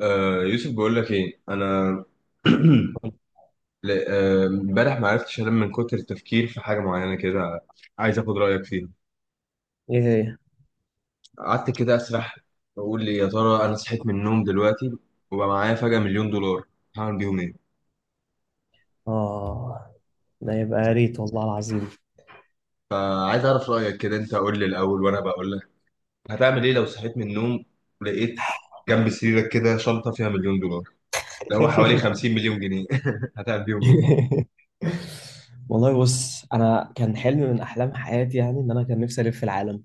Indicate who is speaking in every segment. Speaker 1: يوسف، بقول لك ايه انا.
Speaker 2: ايه؟
Speaker 1: امبارح ما عرفتش انام من كتر التفكير في حاجه معينه كده. عايز اخد رايك فيها.
Speaker 2: هي.
Speaker 1: قعدت كده اسرح، اقول لي يا ترى انا صحيت من النوم دلوقتي وبقى معايا فجاه مليون دولار، هعمل بيهم ايه؟
Speaker 2: اه، ده يبقى يا ريت والله العظيم.
Speaker 1: عايز اعرف رايك كده، انت قول لي الاول وانا بقول لك. هتعمل ايه لو صحيت من النوم لقيت جنب سريرك كده شنطه فيها مليون دولار، اللي هو حوالي 50 مليون جنيه؟ هتعمل بيهم ايه،
Speaker 2: والله بص، انا كان حلم من احلام حياتي يعني ان انا كان نفسي الف العالم،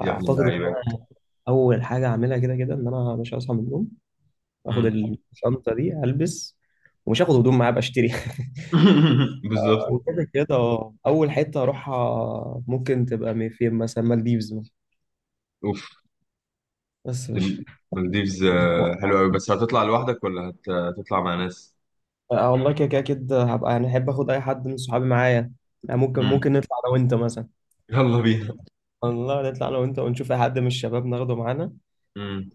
Speaker 1: يا ابن
Speaker 2: ان
Speaker 1: اللعيبه؟
Speaker 2: انا اول حاجه اعملها كده كده ان انا مش هصحى من النوم، اخد
Speaker 1: مم.
Speaker 2: الشنطه دي البس، ومش هاخد هدوم معايا بشتري.
Speaker 1: بالظبط.
Speaker 2: وكده كده اه، اول حته اروحها ممكن تبقى فين مثلا مالديفز مثلا، بس مش.
Speaker 1: المالديفز حلوة أوي، بس هتطلع لوحدك ولا هتطلع مع ناس؟
Speaker 2: اه والله كده كده اكيد هبقى يعني احب اخد اي حد من صحابي معايا، يعني ممكن
Speaker 1: مم.
Speaker 2: ممكن نطلع انا وانت مثلا.
Speaker 1: يلا بينا.
Speaker 2: والله نطلع انا وانت ونشوف اي حد من الشباب ناخده معانا.
Speaker 1: مم.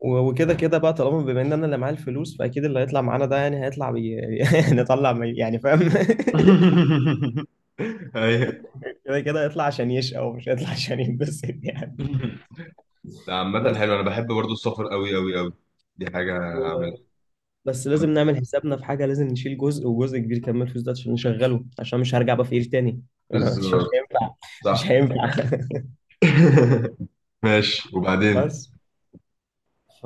Speaker 2: و- وكده كده بقى، طالما بما ان انا اللي معايا الفلوس، فاكيد اللي هيطلع معانا ده يعني هيطلع بي... نطلع بي... يعني فاهم.
Speaker 1: أيوة.
Speaker 2: كده كده هيطلع عشان يشقى، ومش هيطلع عشان ينبسط يعني،
Speaker 1: لا، عامة
Speaker 2: بس
Speaker 1: حلو، أنا بحب برضو السفر أوي أوي أوي. دي حاجة
Speaker 2: و...
Speaker 1: هعملها.
Speaker 2: بس لازم نعمل حسابنا في حاجه، لازم نشيل جزء، وجزء كبير كمان من الفلوس ده عشان نشغله، عشان مش هرجع بقى فقير تاني. مش
Speaker 1: بالظبط.
Speaker 2: هينفع، مش
Speaker 1: صح.
Speaker 2: هينفع.
Speaker 1: ماشي، وبعدين؟
Speaker 2: بس ف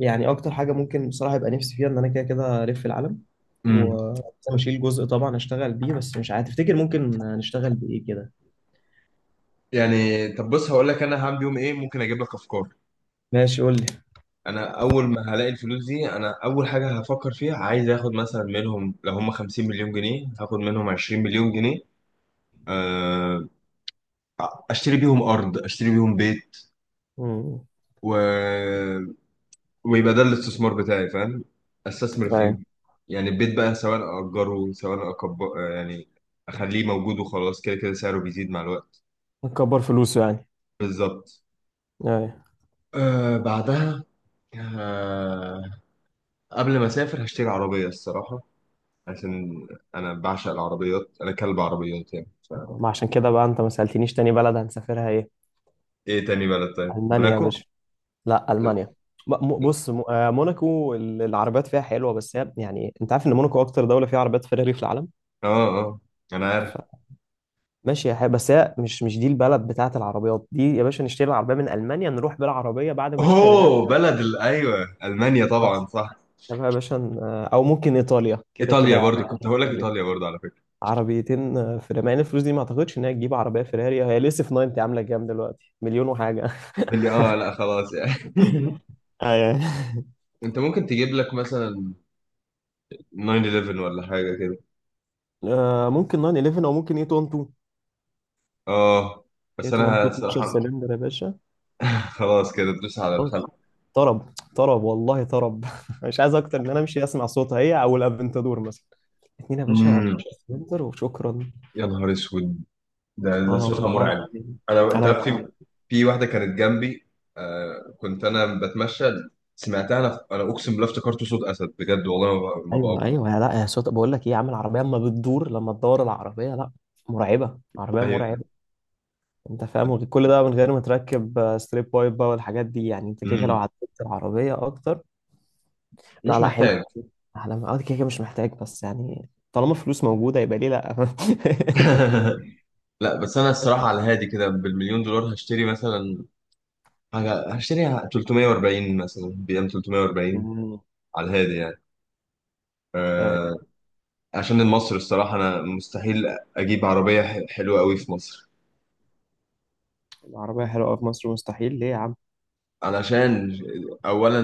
Speaker 2: يعني اكتر حاجه ممكن بصراحه يبقى نفسي فيها ان انا كده كده الف العالم،
Speaker 1: مم.
Speaker 2: واشيل جزء طبعا اشتغل بيه، بس مش عارف، تفتكر ممكن نشتغل بايه كده؟
Speaker 1: يعني طب بص، هقول لك أنا هعمل يوم إيه، ممكن أجيب لك أفكار.
Speaker 2: ماشي قول لي.
Speaker 1: أنا أول ما هلاقي الفلوس دي، أنا أول حاجة هفكر فيها، عايز آخد مثلا منهم، لو هم 50 مليون جنيه هاخد منهم 20 مليون جنيه. آه، اشتري بيهم ارض، اشتري بيهم بيت،
Speaker 2: امم،
Speaker 1: و... ويبقى ده الاستثمار بتاعي، فاهم، استثمر
Speaker 2: ايوه.
Speaker 1: فيهم. يعني البيت بقى سواء اجره سواء أكب... آه، يعني اخليه موجود وخلاص، كده كده سعره بيزيد مع الوقت.
Speaker 2: نكبر فلوسه يعني.
Speaker 1: بالظبط.
Speaker 2: ايوه.
Speaker 1: آه بعدها. آه، قبل ما اسافر هشتري عربية الصراحة، عشان انا بعشق العربيات، انا كلب عربيات يعني ف...
Speaker 2: ما عشان كده بقى انت ما سألتنيش تاني بلد هنسافرها ايه؟
Speaker 1: ايه تاني بلد؟ طيب
Speaker 2: المانيا يا
Speaker 1: موناكو.
Speaker 2: باشا، لا المانيا. بص موناكو العربيات فيها حلوه، بس هي يعني انت عارف ان موناكو اكتر دوله فيها عربيات فيراري في العالم.
Speaker 1: اه اه، انا عارف.
Speaker 2: ماشي يا حبيبي، بس هي مش دي البلد بتاعت العربيات دي يا باشا، نشتري العربية من ألمانيا، نروح بالعربية بعد ما اشتريناها.
Speaker 1: اوه، ايوه المانيا، طبعا
Speaker 2: بس،
Speaker 1: صح.
Speaker 2: تمام يا باشا. أو ممكن إيطاليا، كده كده
Speaker 1: ايطاليا برضو
Speaker 2: يعني
Speaker 1: كنت هقول لك
Speaker 2: إيطاليا.
Speaker 1: ايطاليا برضو على فكره.
Speaker 2: عربيتين آه، فيراري، مع إن الفلوس دي ما أعتقدش إن هي تجيب عربية فيراري، هي لسه في 90 عاملة كام دلوقتي، مليون وحاجة.
Speaker 1: قال لي اه لا خلاص يعني.
Speaker 2: ايوه.
Speaker 1: انت ممكن تجيب لك مثلا 9/11 ولا حاجه كده.
Speaker 2: آه ممكن 911 أو ممكن 812،
Speaker 1: اه، بس انا
Speaker 2: 812، 12
Speaker 1: الصراحه.
Speaker 2: سلندر يا باشا،
Speaker 1: خلاص، كده تدوس على
Speaker 2: خلاص.
Speaker 1: الخلق.
Speaker 2: طرب طرب والله طرب، مش عايز أكتر من إن أنا أمشي أسمع صوتها هي أو الأفنتادور مثلا. اتنين يا باشا،
Speaker 1: امم.
Speaker 2: 12 سلندر وشكرا.
Speaker 1: يا نهار اسود، ده
Speaker 2: اه
Speaker 1: صوتها
Speaker 2: والله
Speaker 1: مرعب.
Speaker 2: العظيم.
Speaker 1: انا، انت
Speaker 2: انا
Speaker 1: عارف، في
Speaker 2: يعني،
Speaker 1: في واحده كانت جنبي، آه كنت انا بتمشى، سمعتها، انا اقسم بالله افتكرته صوت اسد بجد. والله ما بقى ما
Speaker 2: ايوه
Speaker 1: بقى.
Speaker 2: ايوه، يا لا، يا صوت، بقول لك ايه يا عم، العربيه اما بتدور، لما تدور العربيه، لا، مرعبه، عربيه
Speaker 1: ايوه.
Speaker 2: مرعبه. انت فاهم، كل ده من غير ما تركب آه، ستريب بايب بقى والحاجات دي، يعني انت كده كده
Speaker 1: مم.
Speaker 2: لو عدلت العربيه اكتر. لا
Speaker 1: مش
Speaker 2: لا حلو،
Speaker 1: محتاج.
Speaker 2: احلام، اه كده كده مش محتاج، بس يعني طالما فلوس موجوده، يبقى ليه لا؟
Speaker 1: لا، بس انا الصراحه على هادي كده بالمليون دولار هشتري مثلا حاجه، هشتري 340 مثلا، بي ام 340
Speaker 2: مم.
Speaker 1: على الهادي يعني.
Speaker 2: آه،
Speaker 1: أه، عشان المصر الصراحه انا مستحيل اجيب عربيه حلوه قوي في مصر.
Speaker 2: العربيه حلوه أوي في مصر مستحيل ليه يا عم؟
Speaker 1: علشان اولا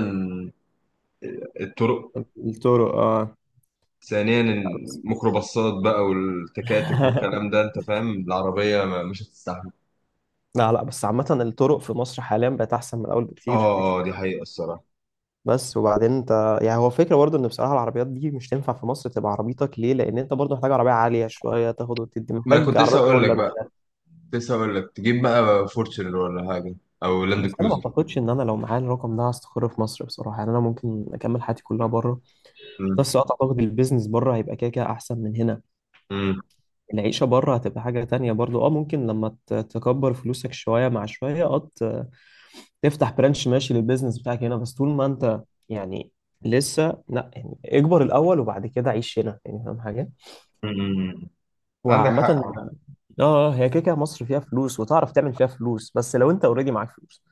Speaker 1: الطرق،
Speaker 2: التورو اه.
Speaker 1: ثانيا الميكروباصات بقى والتكاتك والكلام ده، انت فاهم العربيه ما مش هتستحمل.
Speaker 2: لا لا، بس عامة الطرق في مصر حاليا بقت أحسن من الأول
Speaker 1: اه
Speaker 2: بكتير
Speaker 1: اه،
Speaker 2: بكتير.
Speaker 1: دي حقيقه الصراحه.
Speaker 2: بس وبعدين أنت يعني، هو فكرة برضه إن بصراحة العربيات دي مش تنفع في مصر، تبقى عربيتك ليه؟ لأن أنت برضه محتاج عربية عالية شوية تاخد وتدي،
Speaker 1: ما أنا
Speaker 2: محتاج
Speaker 1: كنت
Speaker 2: عربية
Speaker 1: لسه اقول لك
Speaker 2: كرولا من
Speaker 1: بقى،
Speaker 2: الآخر.
Speaker 1: كنت لسه اقول لك تجيب بقى فورتشنر ولا حاجه، او لاند
Speaker 2: بس أنا ما
Speaker 1: كروزر.
Speaker 2: أعتقدش إن أنا لو معايا الرقم ده هستقر في مصر بصراحة، يعني أنا ممكن أكمل حياتي كلها بره، بس أعتقد البيزنس بره هيبقى كده كده أحسن من هنا.
Speaker 1: امم.
Speaker 2: العيشة بره هتبقى حاجة تانية برضه، أه ممكن لما تكبر فلوسك شوية مع شوية أه، تفتح برانش ماشي للبيزنس بتاعك هنا، بس طول ما انت يعني لسه لا، يعني اكبر الاول وبعد كده عيش هنا يعني، فاهم حاجه؟
Speaker 1: امم. عندك
Speaker 2: وعامه
Speaker 1: حق.
Speaker 2: اه آه، هي كده كده مصر فيها فلوس وتعرف تعمل فيها فلوس، بس لو انت اوريدي معاك فلوس،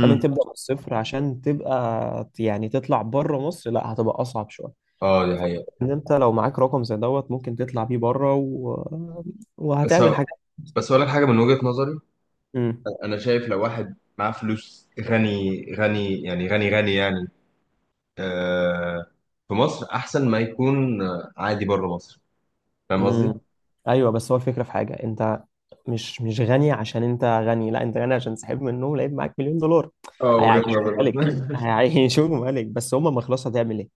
Speaker 2: لما تبدا من الصفر عشان تبقى يعني تطلع بره مصر لا، هتبقى اصعب شويه.
Speaker 1: اه، دي حقيقة.
Speaker 2: ان انت لو معاك رقم زي دوت ممكن تطلع بيه بره و...
Speaker 1: بس
Speaker 2: وهتعمل
Speaker 1: هو-
Speaker 2: حاجه.
Speaker 1: بس اقول لك حاجة من وجهة نظري.
Speaker 2: امم،
Speaker 1: انا شايف لو واحد معاه فلوس غني غني يعني، غني غني يعني آه، في مصر احسن ما يكون عادي بره مصر. فاهم قصدي؟
Speaker 2: امم، ايوه. بس هو الفكره في حاجه، انت مش غني عشان انت غني، لا، انت غني عشان سحب منهم لقيت معاك مليون دولار.
Speaker 1: اه، وجهة
Speaker 2: هيعيشوه
Speaker 1: نظر برضه.
Speaker 2: ملك، هيعيشوه ملك، بس هم ما خلاص، هتعمل ايه؟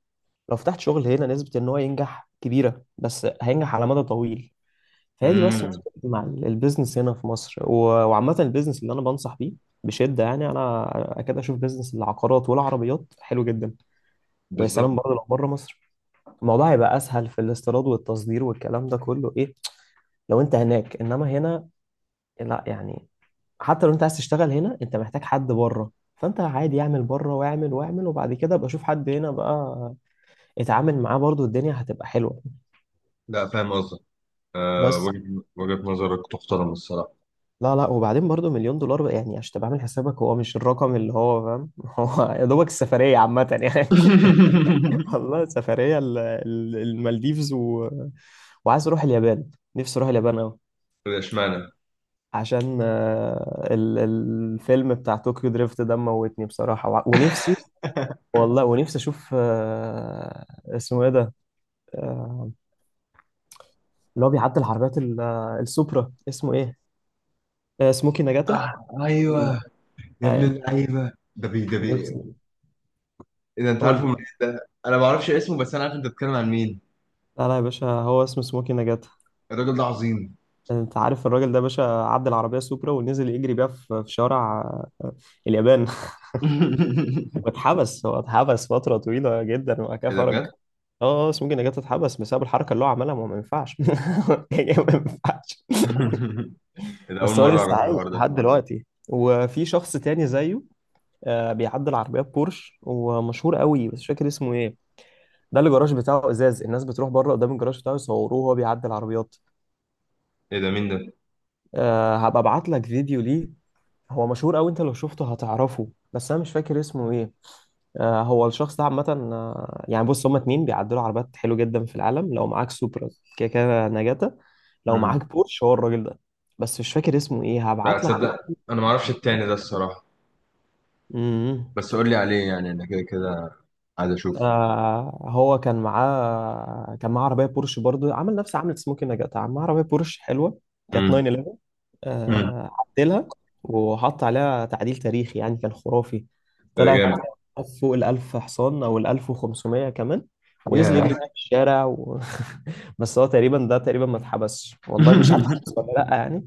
Speaker 2: لو فتحت شغل هنا، نسبة ان هو ينجح كبيرة، بس هينجح على مدى طويل، فهي دي بس
Speaker 1: امم.
Speaker 2: مشكلتي مع البيزنس هنا في مصر و- وعامة البيزنس اللي انا بنصح بيه بشدة، يعني انا اكاد اشوف بيزنس العقارات والعربيات حلو جدا. ويا
Speaker 1: بالظبط.
Speaker 2: سلام برضه لو بره مصر، الموضوع هيبقى اسهل في الاستيراد والتصدير والكلام ده كله، ايه، لو انت هناك انما هنا لا يعني. حتى لو انت عايز تشتغل هنا، انت محتاج حد بره، فانت عادي اعمل بره واعمل واعمل، وبعد كده ابقى اشوف حد هنا بقى اتعامل معاه، برضو الدنيا هتبقى حلوة.
Speaker 1: لا، فاهم قصدك. آه،
Speaker 2: بس
Speaker 1: وجهة نظرك تحترم الصراحة.
Speaker 2: لا لا، وبعدين برضو مليون دولار بقى يعني، عشان تبقى عامل حسابك، هو مش الرقم اللي هو، فاهم، هو يا دوبك السفرية عامة يعني. والله سفرية المالديفز و... وعايز اروح اليابان، نفسي اروح اليابان قوي.
Speaker 1: طب اشمعنى؟
Speaker 2: عشان آه، الفيلم بتاع طوكيو دريفت ده موتني بصراحة، ونفسي، والله ونفسي اشوف آه، اسمه ايه ده، آه، اللي هو بيعدل العربيات آه، السوبرا اسمه ايه، آه، سموكي نجاتا.
Speaker 1: آه ايوه.
Speaker 2: مم.
Speaker 1: يا ابن
Speaker 2: ايوه،
Speaker 1: اللعيبة، ده بي ده بي.
Speaker 2: نفسي.
Speaker 1: اذا انت
Speaker 2: قول
Speaker 1: عارفه
Speaker 2: لي
Speaker 1: من...
Speaker 2: بقى.
Speaker 1: ده انا ما اعرفش اسمه، بس انا عارف انت بتتكلم عن مين.
Speaker 2: لا لا يا باشا، هو اسمه سموكي نجاتا.
Speaker 1: الراجل ده عظيم.
Speaker 2: انت عارف الراجل ده يا باشا؟ عدى العربيه سوبرا ونزل يجري بيها في شارع آه، اليابان. واتحبس، هو اتحبس فتره طويله جدا وبعد كده
Speaker 1: ايه ده
Speaker 2: خرج.
Speaker 1: بجد؟
Speaker 2: اه آه، سموكي نجاتا اتحبس بسبب الحركه اللي هو عملها، ما هو ما ينفعش، يعني ما ينفعش.
Speaker 1: ايه ده، اول
Speaker 2: بس هو
Speaker 1: مره
Speaker 2: لسه
Speaker 1: اعرف
Speaker 2: عايش
Speaker 1: الحوار ده.
Speaker 2: لحد دلوقتي، وفي شخص تاني زيه آه، بيعدي العربيات بورش، ومشهور قوي، بس مش فاكر اسمه ايه. ده اللي الجراج بتاعه ازاز، الناس بتروح بره قدام الجراج بتاعه يصوروه وهو بيعدي العربيات.
Speaker 1: ايه ده، مين ده؟
Speaker 2: أه هبقى ابعت لك فيديو ليه، هو مشهور قوي، انت لو شفته هتعرفه، بس انا مش فاكر اسمه ايه. أه هو الشخص ده عامه آه، يعني بص، هما اتنين بيعدلوا عربيات حلو جدا في العالم، لو معاك سوبرا كده كده نجاتا، لو
Speaker 1: امم.
Speaker 2: معاك بورش هو الراجل ده، بس مش فاكر اسمه ايه
Speaker 1: لا
Speaker 2: هبعت لك.
Speaker 1: تصدق، انا ما اعرفش التاني ده الصراحه.
Speaker 2: ايه
Speaker 1: بس قول لي عليه، يعني انا كده كده عايز اشوف.
Speaker 2: آه، هو كان معاه عربيه بورش برضه، عمل نفس عملت سموكي نجات، معاه عربيه بورش حلوه كانت
Speaker 1: امم.
Speaker 2: 911
Speaker 1: امم.
Speaker 2: آه، عدلها وحط عليها تعديل تاريخي يعني، كان خرافي،
Speaker 1: ايه ده
Speaker 2: طلعت
Speaker 1: جامد.
Speaker 2: فوق الألف حصان أو الألف وخمسمية كمان، ونزل يجري
Speaker 1: ياه.
Speaker 2: في الشارع و... بس هو تقريبا ده تقريبا ما اتحبسش، والله مش عارف اتحبس ولا لأ يعني.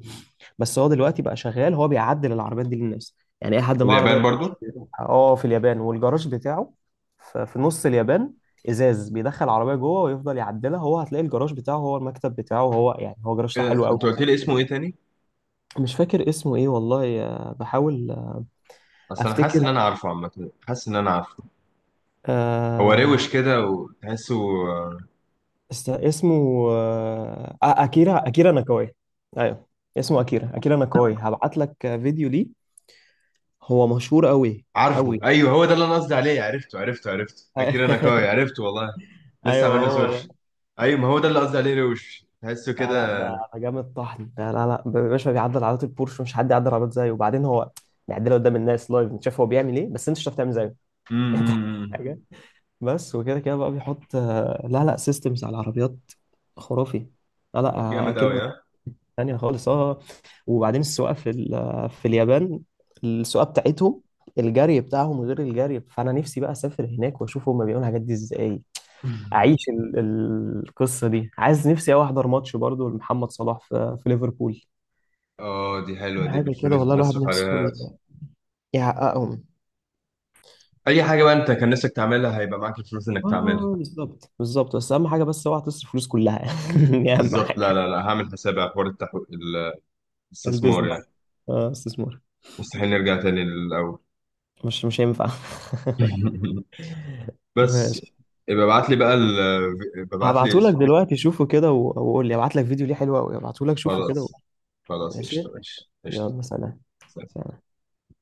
Speaker 2: بس هو دلوقتي بقى شغال، هو بيعدل العربيات دي للناس، يعني أي حد معاه
Speaker 1: اليابان
Speaker 2: عربية.
Speaker 1: برضو؟
Speaker 2: اه في اليابان، والجراج بتاعه في نص اليابان، إزاز، بيدخل عربية جوه ويفضل يعدلها هو، هتلاقي الجراج بتاعه هو، المكتب بتاعه هو يعني، هو جراج
Speaker 1: إيه ده؟
Speaker 2: حلو قوي.
Speaker 1: انت قلت لي اسمه ايه تاني؟
Speaker 2: مش فاكر اسمه ايه والله آه، بحاول آه،
Speaker 1: اصل انا حاسس
Speaker 2: افتكر
Speaker 1: ان انا عارفه، عامه حاسس ان انا عارفه. هو روش
Speaker 2: آه.
Speaker 1: كده وتحسه آه،
Speaker 2: اسمه آه آه، اكيرا اكيرا ناكاوي. ايوه اسمه اكيرا اكيرا ناكاوي، هبعت لك آه، فيديو ليه، هو مشهور قوي
Speaker 1: عارفه.
Speaker 2: قوي.
Speaker 1: ايوه هو ده اللي انا قصدي عليه، عرفته عرفته عرفته اكيد، انا كوي عرفته والله. لسه
Speaker 2: ايوه
Speaker 1: عامل له
Speaker 2: هو
Speaker 1: سيرش.
Speaker 2: ده.
Speaker 1: ايوه، ما هو ده اللي قصدي عليه، روش تحسه
Speaker 2: آه
Speaker 1: كده.
Speaker 2: لا ده ده جامد طحن ده، لا لا، باشا بيعدل عربيات البورش، مش حد يعدل عربيات زيه، وبعدين هو بيعدلها قدام الناس لايف، انت شايف هو بيعمل ايه، بس انت مش هتعرف تعمل زيه. انت فاهم
Speaker 1: امم.
Speaker 2: حاجه. بس وكده كده بقى بيحط آه، لا لا سيستمز على العربيات، خرافي، لا لا آه،
Speaker 1: جامد قوي
Speaker 2: كلمة
Speaker 1: ها.
Speaker 2: تانية خالص اه. وبعدين السواقة في آه، في اليابان، السواقة بتاعتهم، الجري بتاعهم غير الجري، فأنا نفسي بقى أسافر هناك وأشوف هما بيعملوا الحاجات دي إزاي. أعيش القصة دي، عايز نفسي أوي أحضر ماتش برضو لمحمد صلاح في ليفربول.
Speaker 1: اه، دي حلوه دي،
Speaker 2: حاجة كده
Speaker 1: بالفلوس
Speaker 2: والله الواحد
Speaker 1: بنصرف
Speaker 2: نفسه
Speaker 1: عليها.
Speaker 2: يحققهم.
Speaker 1: اي حاجه بقى انت كان نفسك تعملها، هيبقى معاك الفلوس انك تعملها.
Speaker 2: اه بالظبط بالظبط، بس أهم حاجة بس أوعى تصرف فلوس كلها، دي أهم
Speaker 1: بالظبط.
Speaker 2: حاجة.
Speaker 1: لا لا لا، هعمل حسابي على حوار الاستثمار يعني.
Speaker 2: البيزنس، اه استثمار.
Speaker 1: مستحيل نرجع تاني للاول.
Speaker 2: مش هينفع.
Speaker 1: بس
Speaker 2: ماشي.
Speaker 1: يبقى ابعت لي بقى ابعت لي
Speaker 2: هبعتهولك
Speaker 1: اسمه.
Speaker 2: دلوقتي، شوفه كده و- وقول لي، هبعت لك فيديو ليه حلو قوي، هبعتهولك شوفه كده و...
Speaker 1: خلاص، خلاص قشطه،
Speaker 2: ماشي.
Speaker 1: ماشي قشطه.
Speaker 2: يلا سلام. سلام.